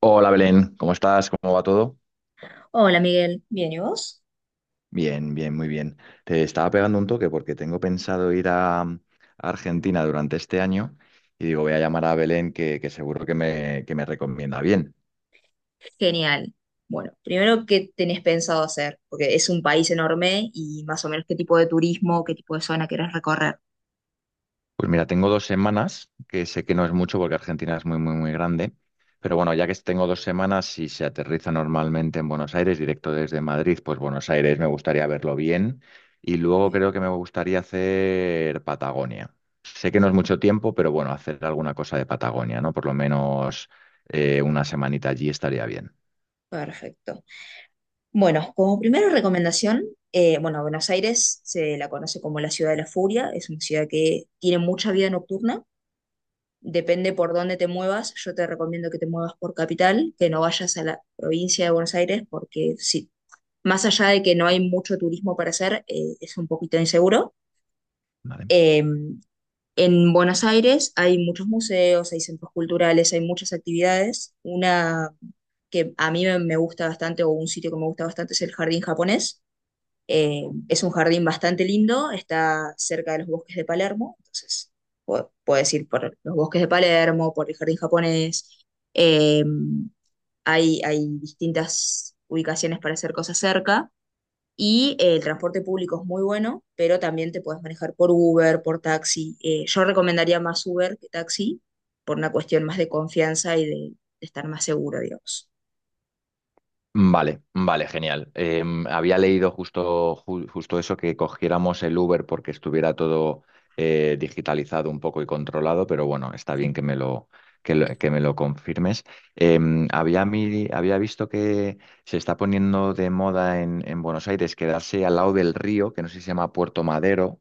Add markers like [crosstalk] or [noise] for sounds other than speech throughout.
Hola Belén, ¿cómo estás? ¿Cómo va todo? Hola Miguel, bien, ¿y vos? Bien, bien, muy bien. Te estaba pegando un toque porque tengo pensado ir a Argentina durante este año y digo, voy a llamar a Belén que seguro que me recomienda bien. Genial. Bueno, primero, ¿qué tenés pensado hacer? Porque es un país enorme y más o menos qué tipo de turismo, qué tipo de zona querés recorrer. Pues mira, tengo 2 semanas, que sé que no es mucho porque Argentina es muy, muy, muy grande, pero bueno, ya que tengo 2 semanas, y se aterriza normalmente en Buenos Aires, directo desde Madrid, pues Buenos Aires me gustaría verlo bien y luego Bien. creo que me gustaría hacer Patagonia. Sé que no es mucho tiempo, pero bueno, hacer alguna cosa de Patagonia, ¿no? Por lo menos una semanita allí estaría bien. Perfecto. Bueno, como primera recomendación, bueno, Buenos Aires se la conoce como la ciudad de la furia, es una ciudad que tiene mucha vida nocturna, depende por dónde te muevas, yo te recomiendo que te muevas por capital, que no vayas a la provincia de Buenos Aires porque sí, más allá de que no hay mucho turismo para hacer, es un poquito inseguro. ¿Vale? Eh, en Buenos Aires hay muchos museos, hay centros culturales, hay muchas actividades. Una que a mí me gusta bastante, o un sitio que me gusta bastante, es el Jardín Japonés. Eh, es un jardín bastante lindo, está cerca de los bosques de Palermo, entonces puedes ir por los bosques de Palermo, por el Jardín Japonés. Eh, hay distintas ubicaciones para hacer cosas cerca. Y el transporte público es muy bueno, pero también te puedes manejar por Uber, por taxi. Yo recomendaría más Uber que taxi por una cuestión más de confianza y de estar más seguro, digamos. Vale, vale, genial. Había leído justo, justo eso, que cogiéramos el Uber porque estuviera todo digitalizado un poco y controlado, pero bueno, está Sí. bien que me lo confirmes. Había visto que se está poniendo de moda en Buenos Aires quedarse al lado del río, que no sé si se llama Puerto Madero,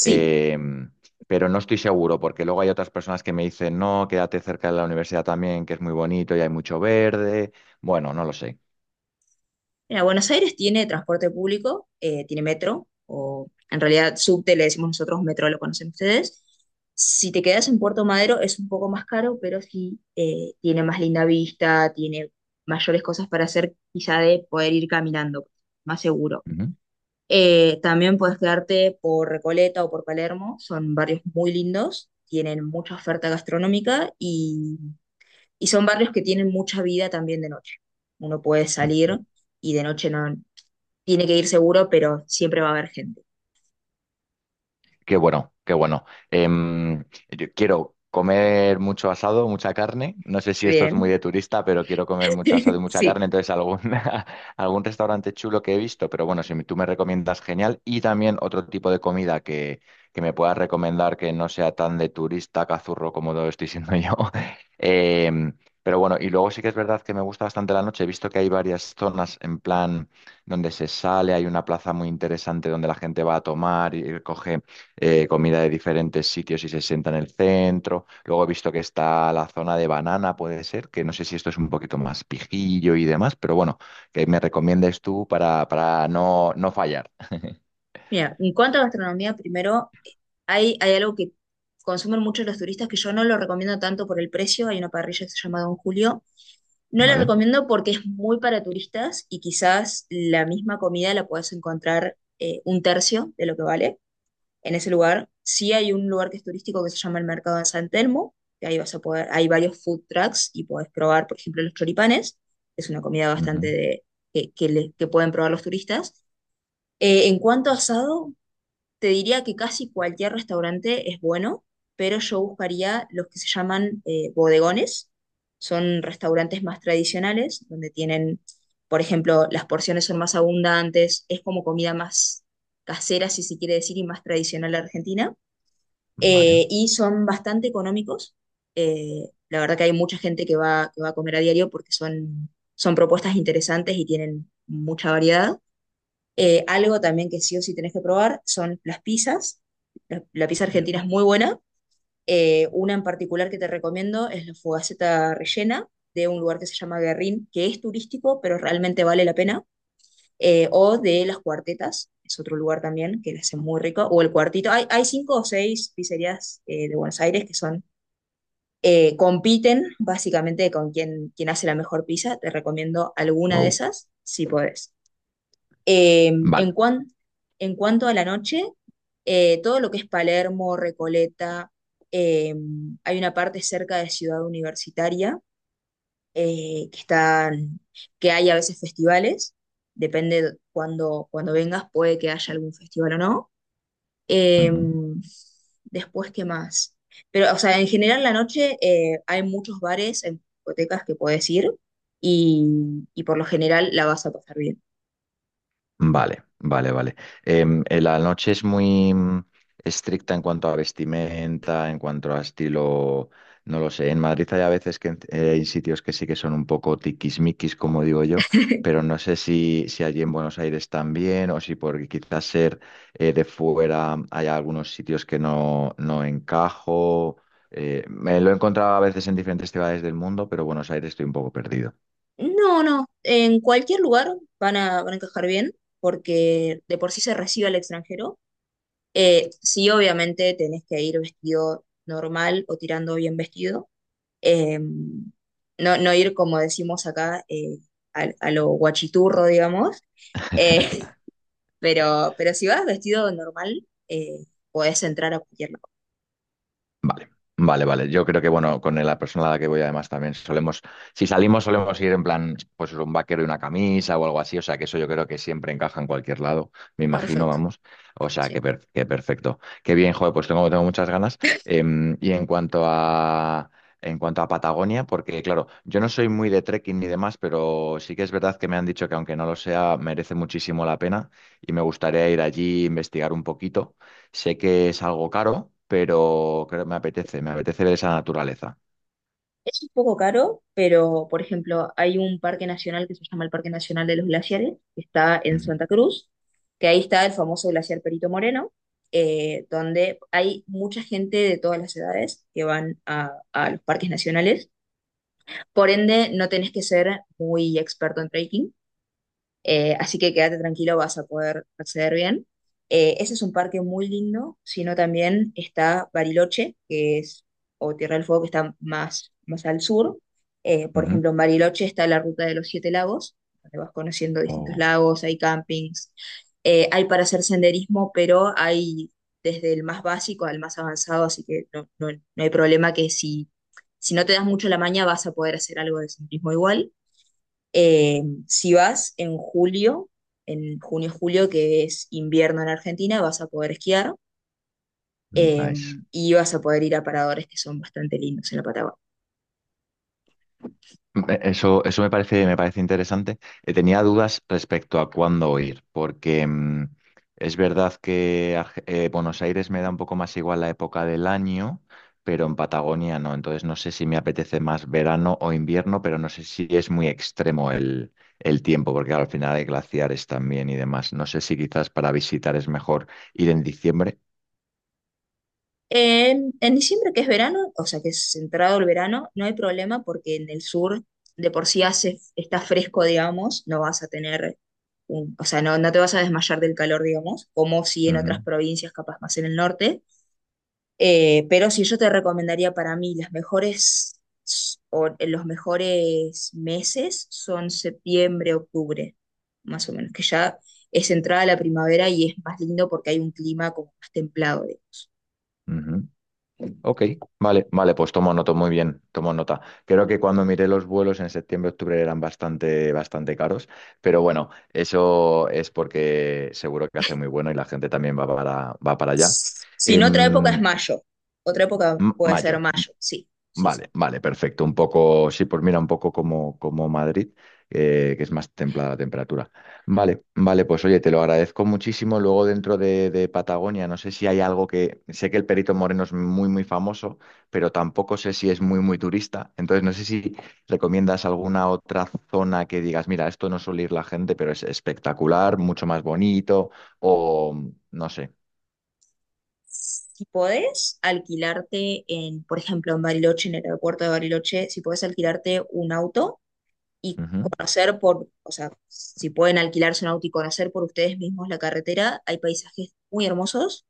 Sí. em, pero no estoy seguro porque luego hay otras personas que me dicen, no, quédate cerca de la universidad también, que es muy bonito y hay mucho verde. Bueno, no lo sé. Mira, Buenos Aires tiene transporte público, tiene metro, o en realidad subte le decimos nosotros, metro lo conocen ustedes. Si te quedas en Puerto Madero es un poco más caro, pero sí tiene más linda vista, tiene mayores cosas para hacer, quizá de poder ir caminando, más seguro. Ujú, ujú. También puedes quedarte por Recoleta o por Palermo, son barrios muy lindos, tienen mucha oferta gastronómica y son barrios que tienen mucha vida también de noche. Uno puede salir y de noche no tiene que ir seguro, pero siempre va a haber gente. Qué bueno, qué bueno. Em, yo quiero comer mucho asado, mucha carne. No sé si esto es muy Bien, de turista, pero quiero comer mucho asado y [laughs] mucha sí. carne. Entonces, algún, [laughs] algún restaurante chulo que he visto, pero bueno, si tú me recomiendas, genial. Y también otro tipo de comida que me puedas recomendar que no sea tan de turista, cazurro como lo estoy siendo yo. [laughs] Em, pero bueno, y luego sí que es verdad que me gusta bastante la noche. He visto que hay varias zonas en plan donde se sale, hay una plaza muy interesante donde la gente va a tomar y coge comida de diferentes sitios y se sienta en el centro. Luego he visto que está la zona de banana, puede ser, que no sé si esto es un poquito más pijillo y demás, pero bueno, que me recomiendes tú para, para no fallar. [laughs] Mira, en cuanto a gastronomía, primero, hay algo que consumen muchos los turistas que yo no lo recomiendo tanto por el precio. Hay una parrilla que se llama Don Julio. No la ¿Vale? recomiendo porque es muy para turistas y quizás la misma comida la puedes encontrar un tercio de lo que vale en ese lugar. Sí hay un lugar que es turístico que se llama el Mercado de San Telmo, que ahí vas a poder, hay varios food trucks y podés probar, por ejemplo, los choripanes. Es una comida bastante Ujú. de, que pueden probar los turistas. En cuanto a asado, te diría que casi cualquier restaurante es bueno, pero yo buscaría los que se llaman bodegones. Son restaurantes más tradicionales, donde tienen, por ejemplo, las porciones son más abundantes, es como comida más casera, si se quiere decir, y más tradicional argentina. Vale. Y son bastante económicos. La verdad que hay mucha gente que va a comer a diario porque son, son propuestas interesantes y tienen mucha variedad. Algo también que sí o sí tenés que probar son las pizzas. La pizza argentina es muy buena. Una en particular que te recomiendo es la fogaceta rellena de un lugar que se llama Guerrín, que es turístico, pero realmente vale la pena. O de las cuartetas, es otro lugar también que la hace muy rico. O el cuartito. Hay cinco o seis pizzerías de Buenos Aires que son compiten básicamente con quien hace la mejor pizza. Te recomiendo alguna de Wow. esas si podés. Eh, en Vale. cuan- en cuanto a la noche, todo lo que es Palermo, Recoleta, eh, hay una parte cerca de Ciudad Universitaria eh, que están, que hay a veces festivales, depende cuando vengas, puede que haya algún festival o no. Eh, después, ¿qué más? Pero, o sea, en general la noche hay muchos bares, en discotecas que puedes ir y por lo general la vas a pasar bien. Vale, vale, vale. La noche es muy estricta en cuanto a vestimenta, en cuanto a estilo, no lo sé. En Madrid hay a veces que hay sitios que sí que son un poco tiquismiquis, como digo yo, [laughs] pero no sé si allí en Buenos Aires también o si por quizás ser de fuera hay algunos sitios que no encajo. Me lo he encontrado a veces en diferentes ciudades del mundo, pero Buenos Aires estoy un poco perdido. No, no, en cualquier lugar van a, van a encajar bien, porque de por sí se recibe al extranjero. Sí, obviamente tenés que ir vestido normal o tirando bien vestido. No, no ir, como decimos acá, a lo guachiturro, digamos. Eh, [laughs] pero si vas vestido normal, podés entrar a cualquier lado. Vale, vale, vale. Yo creo que, bueno, con la persona a la que voy además también solemos, si salimos solemos ir en plan, pues un vaquero y una camisa o algo así, o sea que eso yo creo que siempre encaja en cualquier lado, me imagino, Perfecto, vamos. O sea que, sí. Que perfecto. Qué bien, joder, pues tengo muchas ganas. Y en cuanto a... En cuanto a Patagonia, porque claro, yo no soy muy de trekking ni demás, pero sí que es verdad que me han dicho que aunque no lo sea, merece muchísimo la pena y me gustaría ir allí, investigar un poquito. Sé que es algo caro, pero creo que me apetece ver esa naturaleza. Es un poco caro, pero por ejemplo, hay un parque nacional que se llama el Parque Nacional de los Glaciares, que está en Ujú, Santa Cruz, que ahí está el famoso glaciar Perito Moreno, donde hay mucha gente de todas las edades que van a los parques nacionales. Por ende, no tenés que ser muy experto en trekking, así que quédate tranquilo, vas a poder acceder bien. Ese es un parque muy lindo, sino también está Bariloche, que es, o Tierra del Fuego, que está más, más al sur. Por ujú. ejemplo, en Bariloche está la ruta de los 7 lagos, donde vas conociendo distintos Oh, lagos, hay campings, hay para hacer senderismo, pero hay desde el más básico al más avanzado, así que no, no hay problema que si, si no te das mucho la maña vas a poder hacer algo de senderismo igual. Eh, si vas en julio, en junio-julio, que es invierno en Argentina, vas a poder esquiar eh, nice. y vas a poder ir a paradores que son bastante lindos en la Patagonia. Eso me parece interesante. Tenía dudas respecto a cuándo ir, porque es verdad que Buenos Aires me da un poco más igual la época del año, pero en Patagonia no. Entonces no sé si me apetece más verano o invierno, pero no sé si es muy extremo el tiempo, porque claro, al final hay glaciares también y demás. No sé si quizás para visitar es mejor ir en diciembre. En diciembre, que es verano, o sea que es entrado el verano, no hay problema porque en el sur de por sí hace, está fresco, digamos, no vas a tener, o sea, no, no te vas a desmayar del calor, digamos, como si en Ujú, otras provincias, capaz más en el norte. Pero si yo te recomendaría para mí las mejores s- o los mejores meses son septiembre, octubre, más o menos, que ya es entrada la primavera y es más lindo porque hay un clima como más templado, digamos. ujú. Ok, vale, vale, pues tomo nota, muy bien, tomo nota. Creo que cuando miré los vuelos en septiembre, octubre eran bastante, bastante caros, pero bueno, eso es porque seguro que hace muy bueno y la gente también va para allá. Si no, otra época es Em, mayo. Otra época puede ser Mayo. mayo, sí, sí, sí. Vale, vale, perfecto. Un poco, sí, pues mira, un poco como Madrid, que es más templada la temperatura. Vale, vale, pues oye, te lo agradezco muchísimo. Luego dentro de Patagonia, no sé si hay algo que, sé que el Perito Moreno es muy, muy famoso, pero tampoco sé si es muy, muy turista. Entonces, no sé si recomiendas alguna otra zona que digas, mira, esto no suele ir la gente, pero es espectacular, mucho más bonito, o no sé. Si podés alquilarte en, por ejemplo, en Bariloche, en el aeropuerto de Bariloche, si podés alquilarte un auto y conocer por, o sea, si pueden alquilarse un auto y conocer por ustedes mismos la carretera, hay paisajes muy hermosos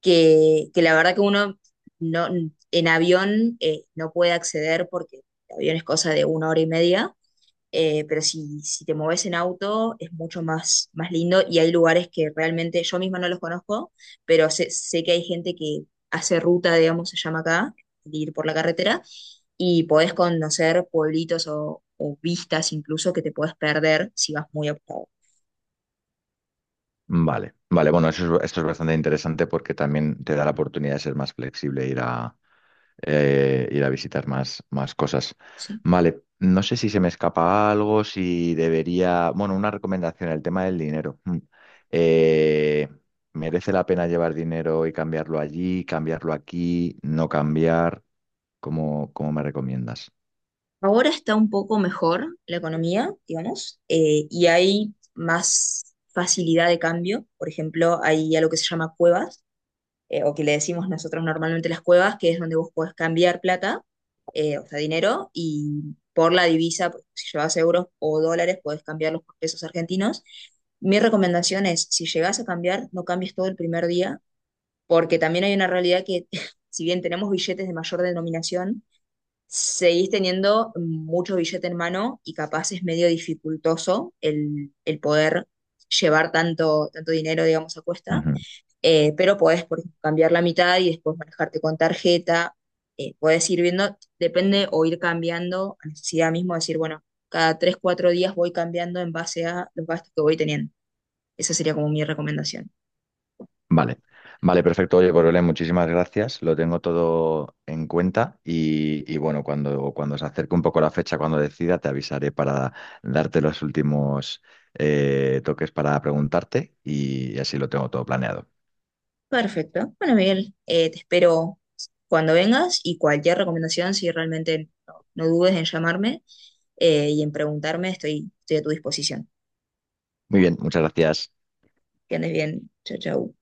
que la verdad que uno no, en avión no puede acceder porque el avión es cosa de 1 hora y media, pero si, si te mueves en auto es mucho más, más lindo y hay lugares que realmente yo misma no los conozco, pero sé, sé que hay gente que hace ruta, digamos, se llama acá, de ir por la carretera y podés conocer pueblitos o vistas incluso que te puedes perder si vas muy apurado, Vale, vale, bueno, eso es, esto es bastante interesante porque también te da la oportunidad de ser más flexible, e ir a visitar más cosas. ¿sí? Vale, no sé si se me escapa algo, si debería, bueno, una recomendación, el tema del dinero. Mm. Eh, ¿Merece la pena llevar dinero y cambiarlo allí, cambiarlo aquí, no cambiar? ¿Cómo me recomiendas? Ahora está un poco mejor la economía, digamos, y hay más facilidad de cambio. Por ejemplo, hay algo que se llama cuevas, o que le decimos nosotros normalmente las cuevas, que es donde vos podés cambiar plata, o sea, dinero, y por la divisa, pues, si llevas euros o dólares, podés cambiarlos por pesos argentinos. Mi recomendación es, si llegás a cambiar, no cambies todo el primer día, porque también hay una realidad que, [laughs] si bien tenemos billetes de mayor denominación, seguís teniendo mucho billete en mano y capaz es medio dificultoso el poder llevar tanto, tanto dinero, digamos, a cuesta pero podés, por ejemplo, cambiar la mitad y después manejarte con tarjeta. Podés ir viendo, depende o ir cambiando a necesidad mismo, decir, bueno, cada 3 o 4 días voy cambiando en base a los gastos que voy teniendo. Esa sería como mi recomendación. Vale, vale, perfecto. Oye, pues Belén, muchísimas gracias. Lo tengo todo en cuenta y bueno, cuando se acerque un poco la fecha, cuando decida, te avisaré para darte los últimos toques para preguntarte y así lo tengo todo planeado. Perfecto. Bueno, Miguel, te espero cuando vengas y cualquier recomendación, si realmente no, no dudes en llamarme y en preguntarme, estoy, estoy a tu disposición. Muy bien, muchas gracias. Que andes bien. Chao, chao.